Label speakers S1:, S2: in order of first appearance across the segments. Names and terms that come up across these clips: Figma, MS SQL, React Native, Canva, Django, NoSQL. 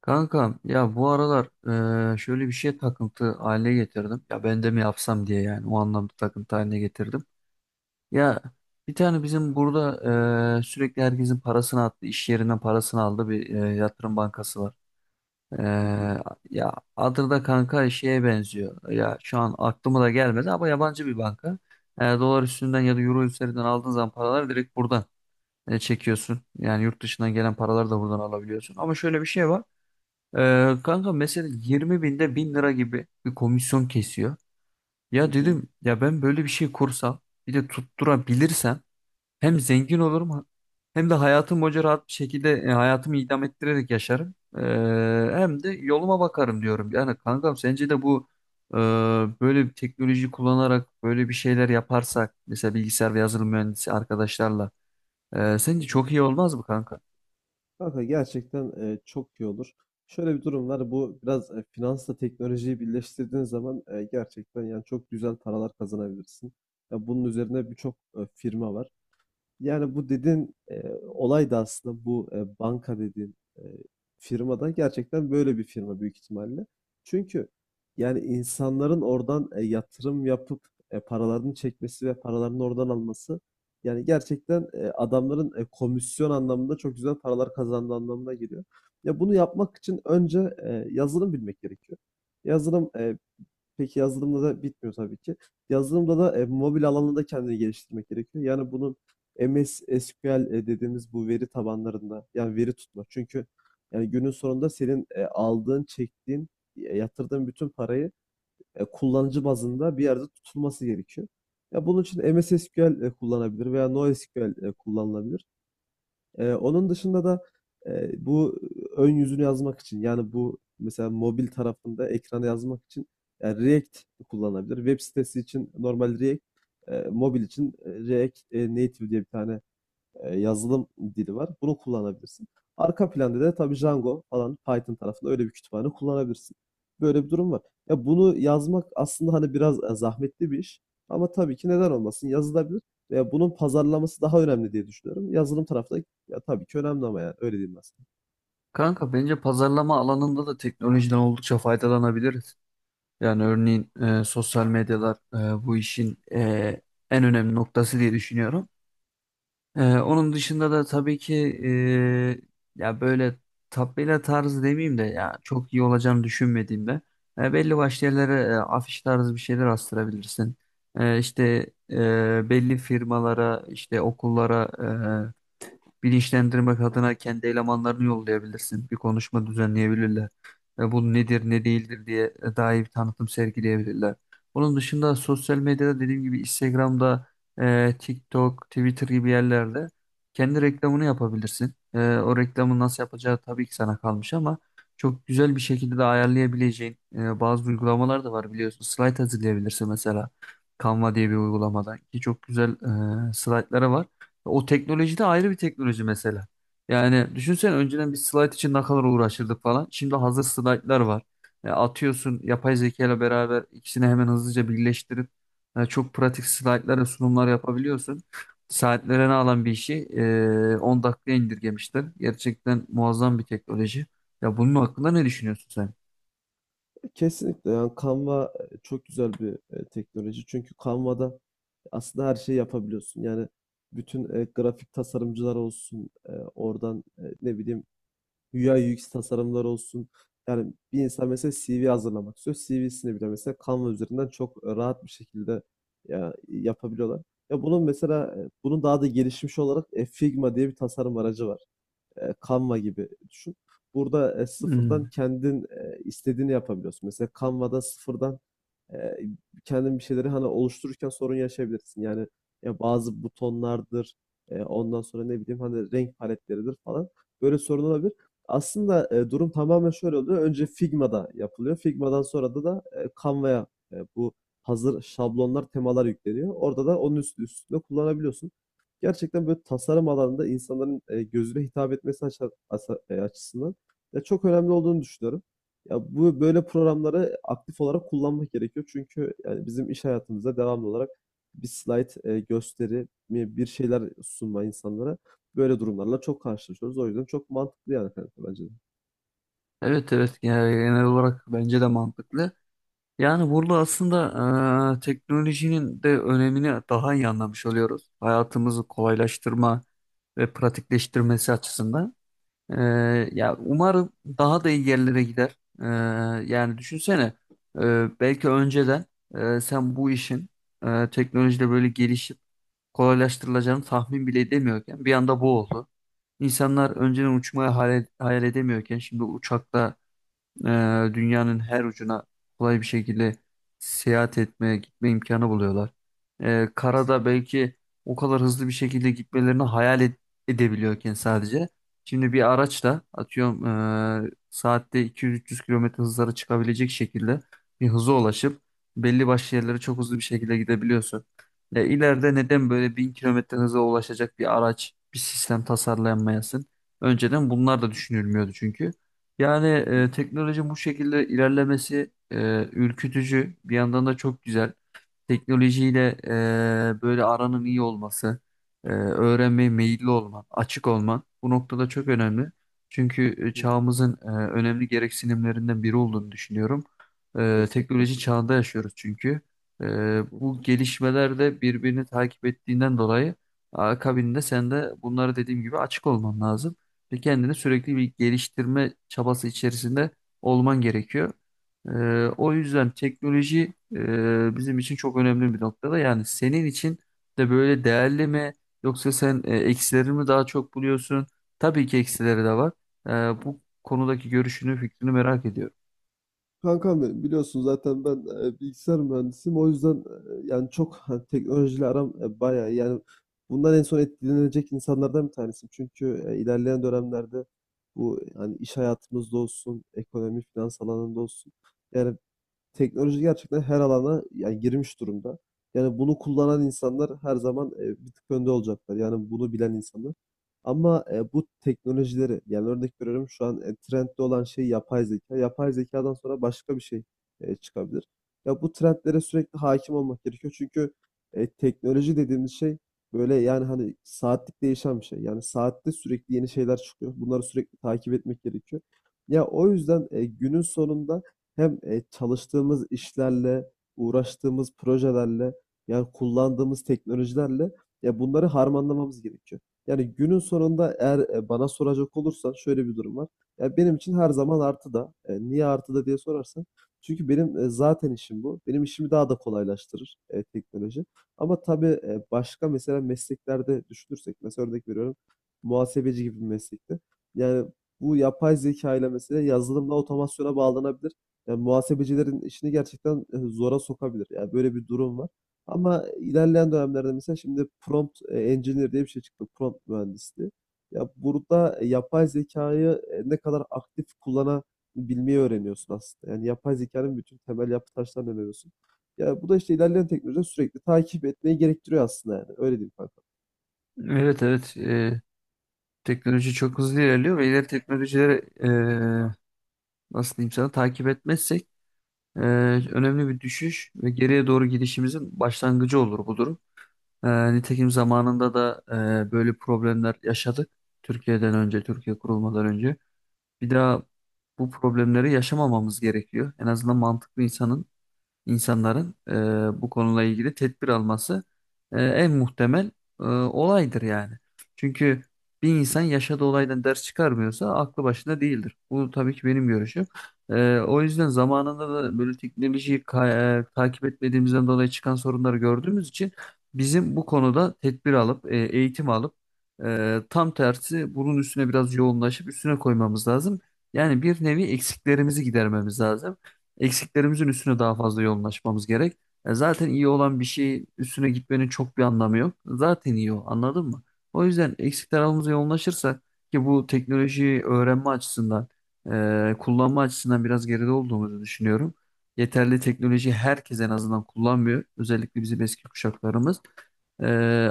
S1: Kankam ya bu aralar şöyle bir şey takıntı haline getirdim. Ya ben de mi yapsam diye yani o anlamda takıntı haline getirdim. Ya bir tane bizim burada sürekli herkesin parasını attı, iş yerinden parasını aldı bir yatırım bankası var.
S2: Hı hı.
S1: Eee, ya adı da kanka şeye benziyor. Ya şu an aklıma da gelmedi ama yabancı bir banka. Dolar üstünden ya da euro üzerinden aldığın zaman paraları direkt buradan çekiyorsun. Yani yurt dışından gelen paraları da buradan alabiliyorsun. Ama şöyle bir şey var. Kanka mesela 20 binde 1000 lira gibi bir komisyon kesiyor.
S2: Hı
S1: Ya
S2: hı.
S1: dedim ya ben böyle bir şey kursam bir de tutturabilirsem hem zengin olurum hem de hayatım boyunca rahat bir şekilde hayatımı idam ettirerek yaşarım. Hem de yoluma bakarım diyorum. Yani kankam sence de bu e, böyle bir teknoloji kullanarak böyle bir şeyler yaparsak mesela bilgisayar ve yazılım mühendisi arkadaşlarla
S2: Hı
S1: sence
S2: hı.
S1: çok iyi olmaz mı kanka?
S2: Kanka gerçekten, çok iyi olur. Şöyle bir durum var. Bu biraz, finansla teknolojiyi birleştirdiğin zaman, gerçekten yani çok güzel paralar kazanabilirsin. Ya bunun üzerine birçok, firma var. Yani bu dediğin olay da aslında bu banka dediğin firmada gerçekten böyle bir firma büyük ihtimalle. Çünkü yani insanların oradan yatırım yapıp paralarını çekmesi ve paralarını oradan alması yani gerçekten adamların komisyon anlamında çok güzel paralar kazandığı anlamına geliyor. Ya bunu yapmak için önce yazılım bilmek gerekiyor. Yazılım. Peki yazılımla da bitmiyor tabii ki. Yazılımda da mobil alanında kendini geliştirmek gerekiyor. Yani bunun MS SQL dediğimiz bu veri tabanlarında yani veri tutma. Çünkü yani günün sonunda senin aldığın, çektiğin, yatırdığın bütün parayı kullanıcı bazında bir yerde tutulması gerekiyor. Ya bunun için MS SQL kullanabilir veya NoSQL kullanılabilir. Onun dışında da, bu ön yüzünü yazmak için, yani, bu mesela mobil tarafında ekrana yazmak için, React kullanılabilir. Web sitesi için normal React, mobil için, React, Native diye bir tane, yazılım dili var. Bunu kullanabilirsin. Arka planda da tabii Django falan Python tarafında öyle bir kütüphane kullanabilirsin. Böyle bir durum var. Ya bunu yazmak aslında hani biraz zahmetli bir iş. Ama tabii ki neden olmasın yazılabilir. Ve bunun pazarlaması daha önemli diye düşünüyorum. Yazılım tarafı da ya tabii ki önemli ama yani öyle diyeyim aslında.
S1: Kanka bence pazarlama alanında da teknolojiden oldukça faydalanabiliriz. Yani örneğin sosyal medyalar bu işin en önemli noktası diye düşünüyorum. Onun dışında da tabii ki e, ya böyle tabela tarzı demeyeyim de ya çok iyi olacağını düşünmediğimde belli başlı yerlere afiş tarzı bir şeyler astırabilirsin. İşte belli firmalara, işte okullara e, bilinçlendirmek adına kendi elemanlarını yollayabilirsin. Bir konuşma düzenleyebilirler. Bu nedir ne değildir diye daha iyi bir tanıtım sergileyebilirler. Onun dışında sosyal medyada dediğim gibi Instagram'da, TikTok, Twitter gibi yerlerde kendi reklamını yapabilirsin. O reklamı nasıl yapacağı tabii ki sana kalmış ama çok güzel bir şekilde de ayarlayabileceğin bazı uygulamalar da var biliyorsun. Slide hazırlayabilirsin mesela. Canva diye bir uygulamadan ki çok güzel slaytları var. O teknoloji de ayrı bir teknoloji mesela. Yani düşünsene önceden bir slide için ne kadar uğraşırdık falan. Şimdi hazır slaytlar var. Atıyorsun yapay zeka ile beraber ikisini hemen hızlıca birleştirip çok pratik slaytlar ve sunumlar yapabiliyorsun. Saatlerini alan bir işi 10 dakikaya indirgemişler. Gerçekten muazzam bir teknoloji. Ya bunun hakkında ne düşünüyorsun sen?
S2: Kesinlikle yani Canva çok güzel bir teknoloji. Çünkü Canva'da aslında her şeyi yapabiliyorsun. Yani bütün grafik tasarımcılar olsun, oradan ne bileyim UI UX tasarımlar olsun. Yani bir insan mesela CV hazırlamak istiyor. CV'sini bile mesela Canva üzerinden çok rahat bir şekilde ya, yapabiliyorlar. Ya bunun mesela bunun daha da gelişmiş olarak Figma diye bir tasarım aracı var. Canva gibi düşün. Burada sıfırdan
S1: Hmm.
S2: kendin istediğini yapabiliyorsun. Mesela Canva'da sıfırdan e, kendin bir şeyleri hani oluştururken sorun yaşayabilirsin. Yani ya bazı butonlardır, ondan sonra ne bileyim hani renk paletleridir falan. Böyle sorun olabilir. Aslında durum tamamen şöyle oluyor. Önce Figma'da yapılıyor. Figma'dan sonra da Canva'ya bu hazır şablonlar, temalar yükleniyor. Orada da onun üstü üstünde kullanabiliyorsun. Gerçekten böyle tasarım alanında insanların gözüne hitap etmesi açısından ya çok önemli olduğunu düşünüyorum. Ya bu böyle programları aktif olarak kullanmak gerekiyor. Çünkü yani bizim iş hayatımızda devamlı olarak bir slayt bir şeyler sunma insanlara böyle durumlarla çok karşılaşıyoruz. O yüzden çok mantıklı yani kanka bence de.
S1: Evet evet. Yani genel olarak bence de mantıklı. Yani burada aslında teknolojinin de önemini daha iyi anlamış oluyoruz. Hayatımızı kolaylaştırma ve pratikleştirmesi açısından. Ya umarım daha da iyi yerlere gider. Yani düşünsene belki önceden sen bu işin teknolojiyle böyle gelişip kolaylaştırılacağını tahmin bile edemiyorken bir anda bu oldu. İnsanlar önceden uçmayı hayal edemiyorken şimdi uçakla dünyanın her ucuna kolay bir şekilde seyahat etme, gitme imkanı buluyorlar. Karada
S2: Kesinlikle.
S1: belki o kadar hızlı bir şekilde gitmelerini edebiliyorken sadece. Şimdi bir araçla atıyorum saatte 200-300 kilometre hızlara çıkabilecek şekilde bir hıza ulaşıp belli başlı yerlere çok hızlı bir şekilde gidebiliyorsun. İleride neden böyle 1000 kilometre hıza ulaşacak bir araç, bir sistem tasarlanmayasın? Önceden bunlar da düşünülmüyordu çünkü. Yani
S2: Hı hı,
S1: teknoloji bu şekilde ilerlemesi ürkütücü. Bir yandan da çok güzel teknolojiyle böyle aranın iyi olması, öğrenmeye meyilli olman, açık olman bu noktada çok önemli. Çünkü
S2: hı, hı.
S1: çağımızın önemli gereksinimlerinden biri olduğunu düşünüyorum.
S2: Kesinlikle.
S1: Teknoloji çağında yaşıyoruz çünkü. E,
S2: Hı hı.
S1: Bu gelişmeler de birbirini takip ettiğinden dolayı akabinde sen de bunları dediğim gibi açık olman lazım ve kendini sürekli bir geliştirme çabası içerisinde olman gerekiyor. E, O yüzden teknoloji bizim için çok önemli bir noktada. Yani senin için de böyle değerli mi yoksa sen eksileri mi daha çok buluyorsun? Tabii ki eksileri de var. Bu konudaki görüşünü, fikrini merak ediyorum.
S2: Kankam benim biliyorsun zaten ben bilgisayar mühendisiyim. O yüzden yani çok hani, teknolojiyle aram bayağı iyi. Yani bundan en son etkilenecek insanlardan bir tanesiyim. Çünkü ilerleyen dönemlerde bu yani iş hayatımızda olsun, ekonomi, finans alanında olsun. Yani teknoloji gerçekten her alana yani girmiş durumda. Yani bunu kullanan insanlar her zaman bir tık önde olacaklar. Yani bunu bilen insanlar. Ama bu teknolojileri yani örnek veriyorum şu an trendde olan şey yapay zeka. Yapay zekadan sonra başka bir şey çıkabilir. Ya bu trendlere sürekli hakim olmak gerekiyor. Çünkü teknoloji dediğimiz şey böyle yani hani saatlik değişen bir şey. Yani saatte sürekli yeni şeyler çıkıyor. Bunları sürekli takip etmek gerekiyor. Ya o yüzden günün sonunda hem çalıştığımız işlerle, uğraştığımız projelerle, yani kullandığımız teknolojilerle ya bunları harmanlamamız gerekiyor. Yani günün sonunda eğer bana soracak olursan şöyle bir durum var. Ya benim için her zaman artıda. Niye artıda diye sorarsan. Çünkü benim zaten işim bu. Benim işimi daha da kolaylaştırır teknoloji. Ama tabii başka mesela mesleklerde düşünürsek, mesela örnek veriyorum muhasebeci gibi bir meslekte. Yani bu yapay zeka ile mesela yazılımla otomasyona bağlanabilir. Yani muhasebecilerin işini gerçekten zora sokabilir. Yani böyle bir durum var. Ama ilerleyen dönemlerde mesela şimdi prompt engineer diye bir şey çıktı. Prompt mühendisliği. Ya burada yapay zekayı ne kadar aktif kullanabilmeyi öğreniyorsun aslında. Yani yapay zekanın bütün temel yapı taşlarını öğreniyorsun. Ya bu da işte ilerleyen teknolojide sürekli takip etmeyi gerektiriyor aslında yani. Öyle diyeyim kanka.
S1: Evet evet. Teknoloji çok hızlı ilerliyor ve ileri teknolojileri e, nasıl diyeyim sana takip etmezsek e, önemli bir düşüş ve geriye doğru gidişimizin başlangıcı olur bu durum. Nitekim zamanında da böyle problemler yaşadık. Türkiye'den önce, Türkiye kurulmadan önce. Bir daha bu problemleri yaşamamamız gerekiyor. En azından mantıklı insanların bu konuyla ilgili tedbir alması en muhtemel olaydır yani. Çünkü bir insan yaşadığı olaydan ders çıkarmıyorsa aklı başında değildir. Bu tabii ki benim görüşüm. O yüzden zamanında da böyle takip etmediğimizden dolayı çıkan sorunları gördüğümüz için bizim bu konuda tedbir alıp eğitim alıp tam tersi bunun üstüne biraz yoğunlaşıp üstüne koymamız lazım. Yani bir nevi eksiklerimizi gidermemiz lazım. Eksiklerimizin üstüne daha fazla yoğunlaşmamız gerek. Zaten iyi olan bir şeyin üstüne gitmenin çok bir anlamı yok. Zaten iyi, anladın mı? O yüzden eksik tarafımıza yoğunlaşırsak ki bu teknolojiyi öğrenme açısından, kullanma açısından biraz geride olduğumuzu düşünüyorum. Yeterli teknoloji herkes en azından kullanmıyor. Özellikle bizim eski kuşaklarımız. E,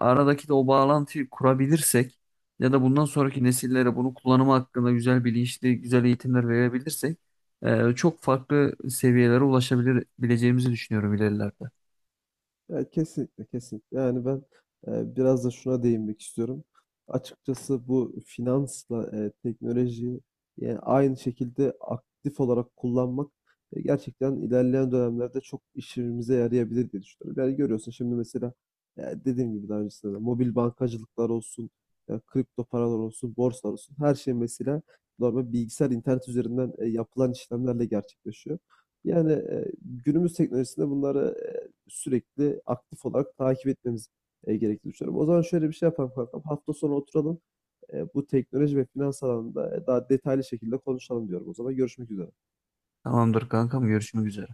S1: Aradaki de o bağlantıyı kurabilirsek ya da bundan sonraki nesillere bunu kullanımı hakkında güzel bilinçli, güzel eğitimler verebilirsek çok farklı seviyelere ulaşabileceğimizi düşünüyorum ilerilerde.
S2: Ya kesinlikle kesinlikle. Yani ben biraz da şuna değinmek istiyorum. Açıkçası bu finansla teknolojiyi yani aynı şekilde aktif olarak kullanmak gerçekten ilerleyen dönemlerde çok işimize yarayabilir diye düşünüyorum. Yani görüyorsun şimdi mesela dediğim gibi daha öncesinde de mobil bankacılıklar olsun, kripto paralar olsun, borsalar olsun her şey mesela normal bilgisayar internet üzerinden yapılan işlemlerle gerçekleşiyor. Yani günümüz teknolojisinde bunları sürekli aktif olarak takip etmemiz, gerektiğini düşünüyorum. O zaman şöyle bir şey yapalım kankam, hafta sonu oturalım, bu teknoloji ve finans alanında daha detaylı şekilde konuşalım diyorum o zaman. Görüşmek üzere.
S1: Tamamdır kankam, görüşmek üzere.